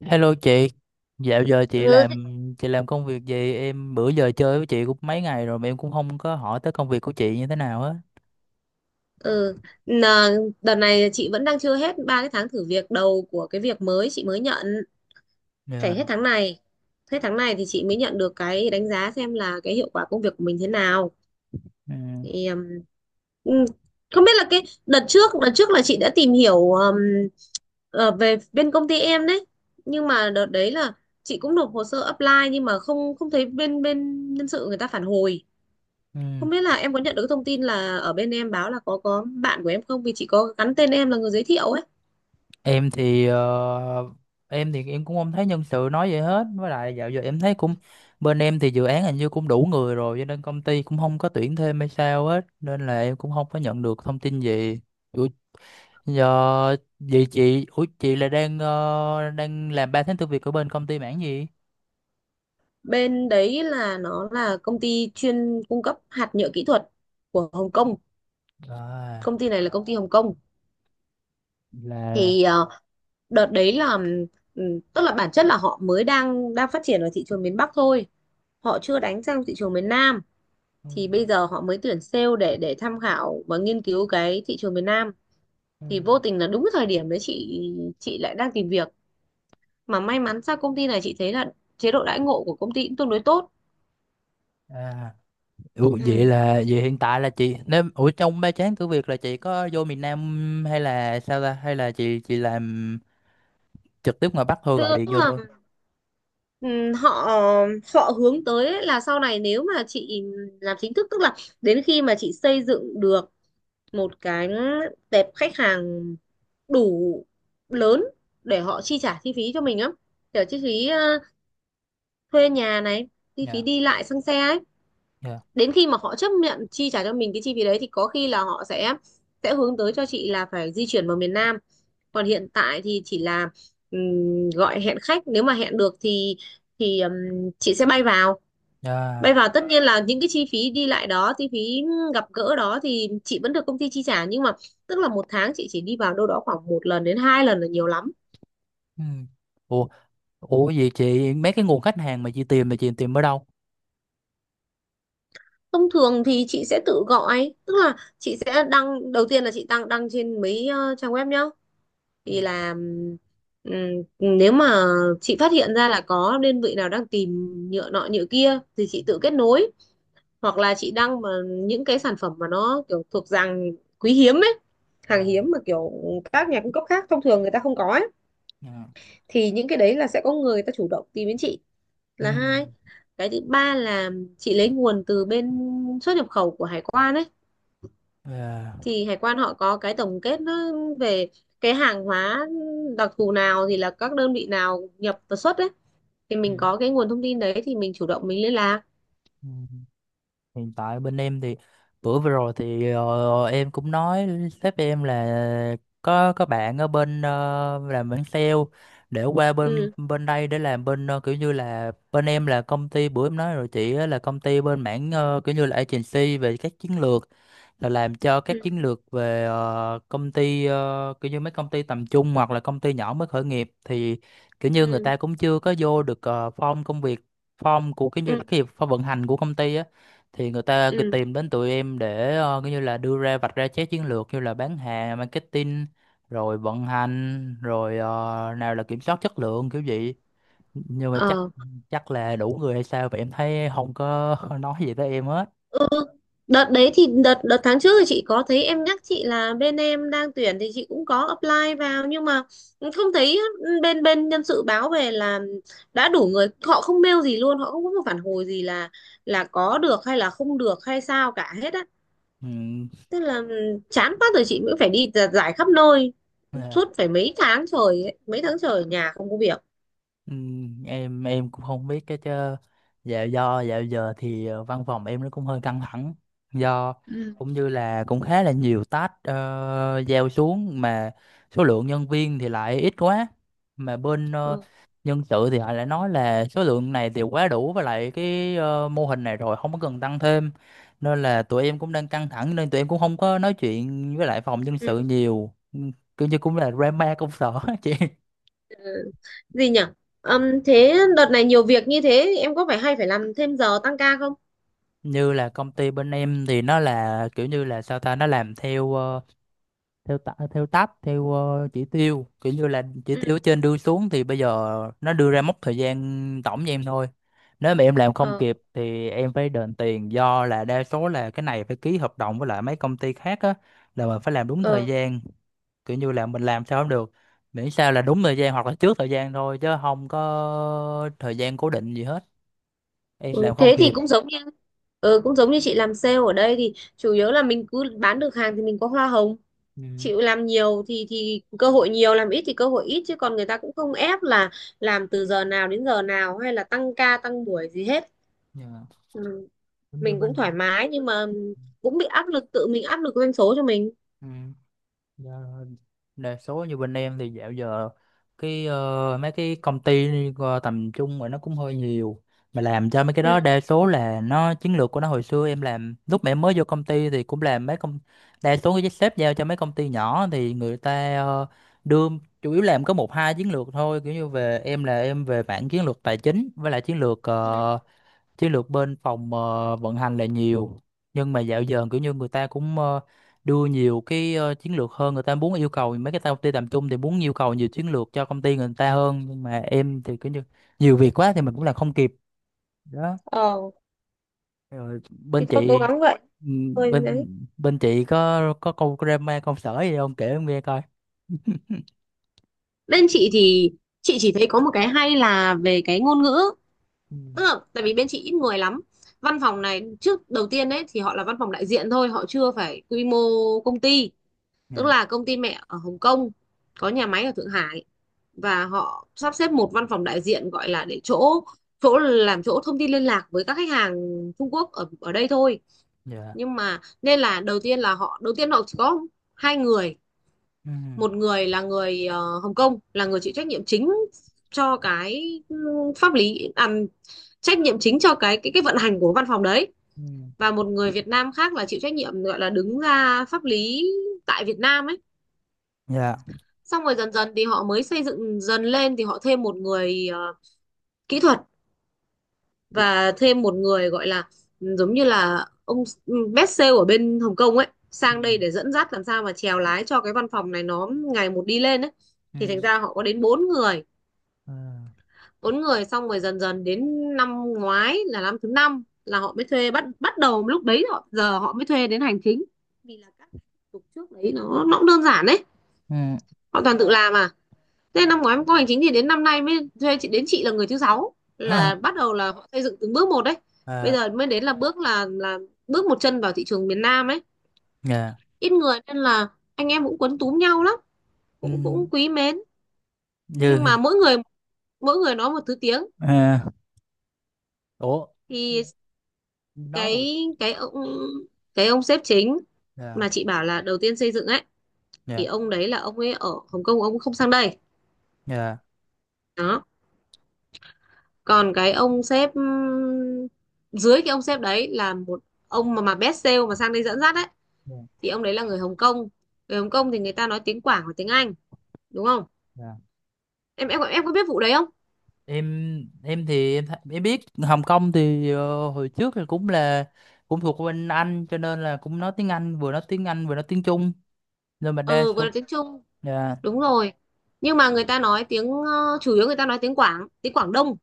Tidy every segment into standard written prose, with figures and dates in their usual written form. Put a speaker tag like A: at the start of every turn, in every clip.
A: Hello chị, dạo giờ
B: Ừ.
A: chị làm công việc gì? Em bữa giờ chơi với chị cũng mấy ngày rồi mà em cũng không có hỏi tới công việc của chị như thế nào á.
B: Ừ. Nà, đợt này chị vẫn đang chưa hết ba cái tháng thử việc đầu của cái việc mới chị mới nhận,
A: Dạ.
B: phải hết tháng này thì chị mới nhận được cái đánh giá xem là cái hiệu quả công việc của mình thế nào.
A: Ừ.
B: Thì ừ, không biết là cái đợt trước là chị đã tìm hiểu về bên công ty em đấy, nhưng mà đợt đấy là chị cũng nộp hồ sơ apply nhưng mà không không thấy bên bên nhân sự người ta phản hồi.
A: Ừ.
B: Không biết là em có nhận được cái thông tin là ở bên em báo là có bạn của em không? Vì chị có gắn tên em là người giới thiệu ấy.
A: Em thì em thì em cũng không thấy nhân sự nói vậy hết. Với lại dạo giờ em thấy cũng bên em thì dự án hình như cũng đủ người rồi, cho nên công ty cũng không có tuyển thêm hay sao hết, nên là em cũng không có nhận được thông tin gì. Ủa, giờ vậy chị, ủa chị là đang đang làm ba tháng tư việc ở bên công ty mảng gì?
B: Bên đấy là nó là công ty chuyên cung cấp hạt nhựa kỹ thuật của Hồng Kông.
A: À.
B: Công ty này là công ty Hồng Kông.
A: Là
B: Thì đợt đấy là tức là bản chất là họ mới đang đang phát triển ở thị trường miền Bắc thôi. Họ chưa đánh sang thị trường miền Nam. Thì bây giờ họ mới tuyển sale để tham khảo và nghiên cứu cái thị trường miền Nam. Thì vô tình là đúng cái thời điểm đấy chị lại đang tìm việc, mà may mắn sao công ty này chị thấy là chế độ đãi ngộ của công ty cũng tương đối tốt.
A: à, ủa, vậy
B: Ừ.
A: là vậy hiện tại là chị, nếu ủa trong ba chán cửa Việt là chị có vô miền Nam hay là sao ta, hay là chị làm trực tiếp ngoài Bắc thôi, gọi
B: tức,
A: điện
B: tức
A: vô
B: là
A: thôi.
B: họ họ hướng tới ấy là sau này nếu mà chị làm chính thức, tức là đến khi mà chị xây dựng được một cái tệp khách hàng đủ lớn để họ chi trả chi phí cho mình á, kiểu chi phí thuê nhà này, chi phí
A: Dạ.
B: đi lại xăng xe ấy.
A: Dạ.
B: Đến khi mà họ chấp nhận chi trả cho mình cái chi phí đấy thì có khi là họ sẽ hướng tới cho chị là phải di chuyển vào miền Nam. Còn hiện tại thì chỉ là gọi hẹn khách, nếu mà hẹn được thì thì ừm, chị sẽ bay vào. Bay
A: Dạ.
B: vào tất nhiên là những cái chi phí đi lại đó, chi phí gặp gỡ đó thì chị vẫn được công ty chi trả, nhưng mà tức là một tháng chị chỉ đi vào đâu đó khoảng một lần đến hai lần là nhiều lắm.
A: Ừ. Ủa, ủa vậy chị mấy cái nguồn khách hàng mà chị tìm là chị tìm ở đâu?
B: Thông thường thì chị sẽ tự gọi, tức là chị sẽ đăng, đầu tiên là chị đăng đăng trên mấy trang web nhá. Thì
A: Dạ.
B: là nếu mà chị phát hiện ra là có đơn vị nào đang tìm nhựa nọ nhựa kia thì
A: Ừ.
B: chị tự kết nối, hoặc là chị đăng mà những cái sản phẩm mà nó kiểu thuộc dạng quý hiếm ấy, hàng
A: Dạ.
B: hiếm mà kiểu các nhà cung cấp khác thông thường người ta không có ấy,
A: Dạ.
B: thì những cái đấy là sẽ có người ta chủ động tìm đến chị,
A: Ừ.
B: là hai. Cái thứ ba là chị lấy nguồn từ bên xuất nhập khẩu của hải quan ấy.
A: Dạ.
B: Thì hải quan họ có cái tổng kết nó về cái hàng hóa đặc thù nào thì là các đơn vị nào nhập và xuất ấy, thì mình có cái nguồn thông tin đấy thì mình chủ động mình liên lạc.
A: Ừ. Hiện tại bên em thì bữa vừa rồi thì em cũng nói sếp em là có bạn ở bên làm bên sale để qua bên
B: Ừ.
A: bên đây để làm bên kiểu như là bên em, là công ty bữa em nói rồi chị á, là công ty bên mảng kiểu như là agency về các chiến lược, là làm cho
B: Ừ.
A: các chiến lược về công ty kiểu như mấy công ty tầm trung hoặc là công ty nhỏ mới khởi nghiệp thì kiểu như người
B: Ừ.
A: ta cũng chưa có vô được form công việc, form của cái
B: Ừ.
A: như cái form vận hành của công ty á, thì người ta cứ tìm đến tụi em để kiểu như là đưa ra vạch ra trái chiến lược như là bán hàng marketing rồi vận hành rồi nào là kiểm soát chất lượng kiểu vậy. Nhưng mà chắc,
B: Ừ.
A: chắc là đủ người hay sao vậy, em thấy không có nói gì tới em hết.
B: Đợt đấy thì đợt đợt tháng trước thì chị có thấy em nhắc chị là bên em đang tuyển thì chị cũng có apply vào, nhưng mà không thấy bên bên nhân sự báo về là đã đủ người, họ không mail gì luôn, họ không có một phản hồi gì là có được hay là không được hay sao cả hết á. Tức là chán quá rồi chị cũng phải đi giặt giải khắp nơi,
A: Ừ.
B: suốt phải mấy tháng trời ấy, mấy tháng trời ở nhà không có việc.
A: Ừ, em cũng không biết cái chứ. Dạo do dạo giờ thì văn phòng em nó cũng hơi căng thẳng, do
B: Ừ.
A: cũng như là cũng khá là nhiều task giao xuống mà số lượng nhân viên thì lại ít quá, mà bên
B: Ừ.
A: nhân sự thì họ lại nói là số lượng này thì quá đủ với lại cái mô hình này rồi, không có cần tăng thêm, nên là tụi em cũng đang căng thẳng nên tụi em cũng không có nói chuyện với lại phòng nhân sự nhiều. Ừ, kiểu như cũng là drama công sở chị.
B: Ừ. Gì nhỉ. Thế đợt này nhiều việc như thế em có phải hay phải làm thêm giờ tăng ca không?
A: Như là công ty bên em thì nó là kiểu như là sao ta, nó làm theo theo ta, theo tab theo chỉ tiêu, kiểu như là chỉ tiêu ở trên đưa xuống, thì bây giờ nó đưa ra mốc thời gian tổng cho em thôi. Nếu mà em làm không
B: Ừ.
A: kịp thì em phải đền tiền, do là đa số là cái này phải ký hợp đồng với lại mấy công ty khác á, là mình phải làm đúng thời
B: Ờ,
A: gian. Kiểu như là mình làm sao không được, miễn sao là đúng thời gian hoặc là trước thời gian thôi, chứ không có thời gian cố định gì hết. Em
B: ừ,
A: làm không
B: thế thì
A: kịp.
B: cũng giống như chị làm sale ở đây thì chủ yếu là mình cứ bán được hàng thì mình có hoa hồng,
A: Ừ.
B: chịu làm nhiều thì cơ hội nhiều, làm ít thì cơ hội ít, chứ còn người ta cũng không ép là làm từ giờ nào đến giờ nào hay là tăng ca tăng buổi gì hết.
A: Dạ.
B: Ừ,
A: Cũng như
B: mình cũng thoải
A: bên.
B: mái nhưng mà cũng bị áp lực, tự mình áp lực doanh số cho mình.
A: Ừ. Dạ, đa số như bên em thì dạo giờ cái mấy cái công ty tầm trung rồi nó cũng hơi nhiều, mà làm cho mấy cái đó
B: Ừ.
A: đa số là nó chiến lược của nó. Hồi xưa em làm lúc mà em mới vô công ty thì cũng làm mấy công, đa số cái sếp giao cho mấy công ty nhỏ thì người ta đưa chủ yếu làm có một hai chiến lược thôi, kiểu như về em là em về mảng chiến lược tài chính với lại chiến lược
B: Ừ.
A: chiến lược bên phòng vận hành là nhiều. Nhưng mà dạo giờ kiểu như người ta cũng đưa nhiều cái chiến lược hơn, người ta muốn yêu cầu mấy cái công ty tầm trung thì muốn yêu cầu nhiều chiến lược cho công ty người ta hơn, nhưng mà em thì kiểu như nhiều việc quá thì mình cũng làm không kịp đó.
B: Ờ,
A: Rồi bên
B: thôi cố
A: chị,
B: gắng vậy.
A: ừ,
B: Thôi đấy.
A: bên bên chị có câu drama công sở gì không kể em nghe coi?
B: Bên chị thì chị chỉ thấy có một cái hay, là về cái ngôn ngữ.
A: Ừ.
B: Tức là, tại vì bên chị ít người lắm. Văn phòng này trước, đầu tiên ấy thì họ là văn phòng đại diện thôi, họ chưa phải quy mô công ty. Tức
A: Dạ.
B: là công ty mẹ ở Hồng Kông có nhà máy ở Thượng Hải, và họ sắp xếp một văn phòng đại diện gọi là để chỗ chỗ làm chỗ thông tin liên lạc với các khách hàng Trung Quốc ở ở đây thôi.
A: Dạ.
B: Nhưng mà nên là đầu tiên là họ, đầu tiên họ chỉ có hai người.
A: Ừ.
B: Một người là người Hồng Kông, là người chịu trách nhiệm chính cho cái pháp lý à, trách nhiệm chính cho cái vận hành của văn phòng đấy,
A: Ừ.
B: và một người Việt Nam khác là chịu trách nhiệm, gọi là đứng ra pháp lý tại Việt Nam ấy.
A: Dạ.
B: Xong rồi dần dần thì họ mới xây dựng dần lên thì họ thêm một người kỹ thuật, và thêm một người gọi là giống như là ông best sale ở bên Hồng Kông ấy,
A: Ừ.
B: sang đây để dẫn dắt, làm sao mà chèo lái cho cái văn phòng này nó ngày một đi lên ấy.
A: Ừ.
B: Thì thành ra họ có đến bốn người.
A: Ờ.
B: Bốn người, xong rồi dần dần đến năm ngoái là năm thứ năm là họ mới thuê, bắt bắt đầu lúc đấy họ, giờ họ mới thuê đến hành chính, vì là các thủ tục trước đấy nó cũng đơn giản đấy,
A: Ừ.
B: họ toàn tự làm à. Thế năm ngoái có hành chính thì đến năm nay mới thuê chị, đến chị là người thứ sáu, là bắt đầu là họ xây dựng từng bước một đấy. Bây
A: À.
B: giờ mới đến là bước, là bước một chân vào thị trường miền Nam ấy.
A: Dạ.
B: Ít người nên là anh em cũng quấn túm nhau lắm,
A: Ừ.
B: cũng cũng quý mến. Nhưng mà
A: Như.
B: mỗi người, mỗi người nói một thứ tiếng.
A: À, ủa
B: Thì
A: nói một.
B: cái cái ông cái ông sếp chính
A: Dạ.
B: mà chị bảo là đầu tiên xây dựng ấy, thì
A: Dạ.
B: ông đấy là ông ấy ở Hồng Kông, ông không sang đây.
A: Dạ.
B: Đó, còn cái ông sếp, dưới cái ông sếp đấy là một ông mà best sale mà sang đây dẫn dắt ấy,
A: Dạ.
B: thì ông đấy là người Hồng Kông. Người Hồng Kông thì người ta nói tiếng Quảng và tiếng Anh, đúng không?
A: Dạ.
B: Em có biết vụ đấy không?
A: Em em biết Hồng Kông thì hồi trước thì cũng là cũng thuộc bên Anh, cho nên là cũng nói tiếng Anh, vừa nói tiếng Anh vừa nói tiếng Trung, nên mà đa
B: Ừ, vừa
A: số.
B: là tiếng Trung,
A: Dạ.
B: đúng rồi. Nhưng mà người ta nói tiếng chủ yếu người ta nói tiếng Quảng, tiếng Quảng Đông.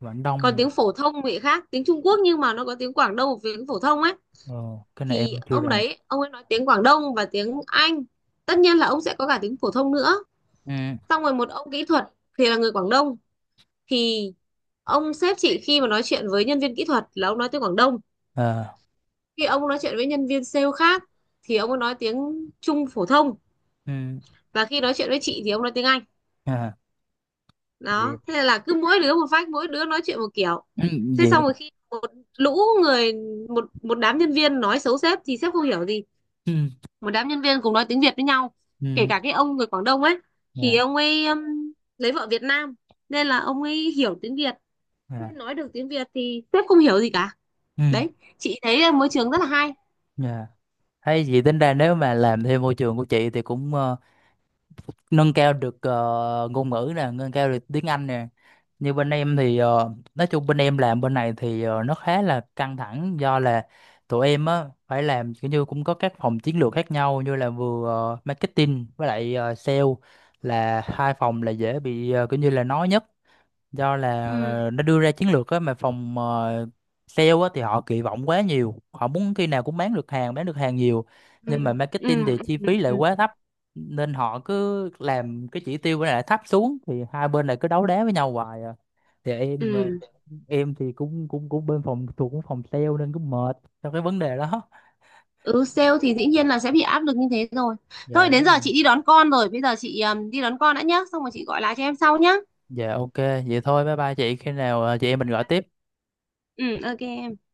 A: Quảng
B: Còn
A: Đông.
B: tiếng phổ thông thì khác tiếng Trung Quốc, nhưng mà nó có tiếng Quảng Đông và tiếng phổ thông ấy.
A: Ờ, cái này
B: Thì
A: em chưa
B: ông
A: rành.
B: đấy ông ấy nói tiếng Quảng Đông và tiếng Anh, tất nhiên là ông sẽ có cả tiếng phổ thông nữa.
A: Ừ.
B: Xong rồi một ông kỹ thuật thì là người Quảng Đông, thì ông sếp chị khi mà nói chuyện với nhân viên kỹ thuật là ông nói tiếng Quảng Đông,
A: Ờ.
B: khi ông nói chuyện với nhân viên sale khác thì ông ấy nói tiếng Trung phổ thông,
A: Ừ.
B: và khi nói chuyện với chị thì ông nói tiếng Anh.
A: À. Vậy.
B: Đó, thế là cứ mỗi đứa một phách, mỗi đứa nói chuyện một kiểu. Thế xong
A: Vậy.
B: rồi khi một lũ người, một một đám nhân viên nói xấu sếp thì sếp không hiểu gì,
A: Ừ.
B: một đám nhân viên cùng nói tiếng Việt với nhau, kể
A: Ừ.
B: cả cái ông người Quảng Đông ấy
A: Dạ.
B: thì ông ấy lấy vợ Việt Nam nên là ông ấy hiểu tiếng Việt,
A: Dạ.
B: nói được tiếng Việt, thì sếp không hiểu gì cả.
A: Ừ.
B: Đấy, chị thấy là môi trường rất là hay.
A: Dạ. Hay gì, tính ra nếu mà làm thêm môi trường của chị thì cũng nâng cao được ngôn ngữ nè, nâng cao được tiếng Anh nè. Như bên em thì nói chung bên em làm bên này thì nó khá là căng thẳng, do là tụi em á phải làm, kiểu như cũng có các phòng chiến lược khác nhau, như là vừa marketing với lại sale là hai phòng là dễ bị kiểu như là nói nhất, do là
B: Ừ.
A: nó đưa ra chiến lược á, mà phòng sale á thì họ kỳ vọng quá nhiều, họ muốn khi nào cũng bán được hàng, bán được hàng nhiều,
B: Ừ.
A: nhưng mà marketing
B: Ừ.
A: thì chi
B: Ừ.
A: phí lại
B: Ừ.
A: quá thấp, nên họ cứ làm cái chỉ tiêu lại thấp xuống thì hai bên lại cứ đấu đá với nhau hoài à. Thì em
B: Ừ.
A: em thì cũng cũng cũng bên phòng thuộc cũng phòng sale, nên cũng mệt trong cái vấn đề đó.
B: Ừ, sale thì dĩ nhiên là sẽ bị áp lực như thế rồi. Thôi
A: Dạ
B: đến
A: đúng
B: giờ
A: rồi.
B: chị đi đón con rồi, bây giờ chị đi đón con đã nhá, xong rồi chị gọi lại cho em sau nhá.
A: Dạ ok. Vậy thôi bye bye chị, khi nào chị em mình
B: Ừ.
A: gọi tiếp.
B: Ừ, ok em.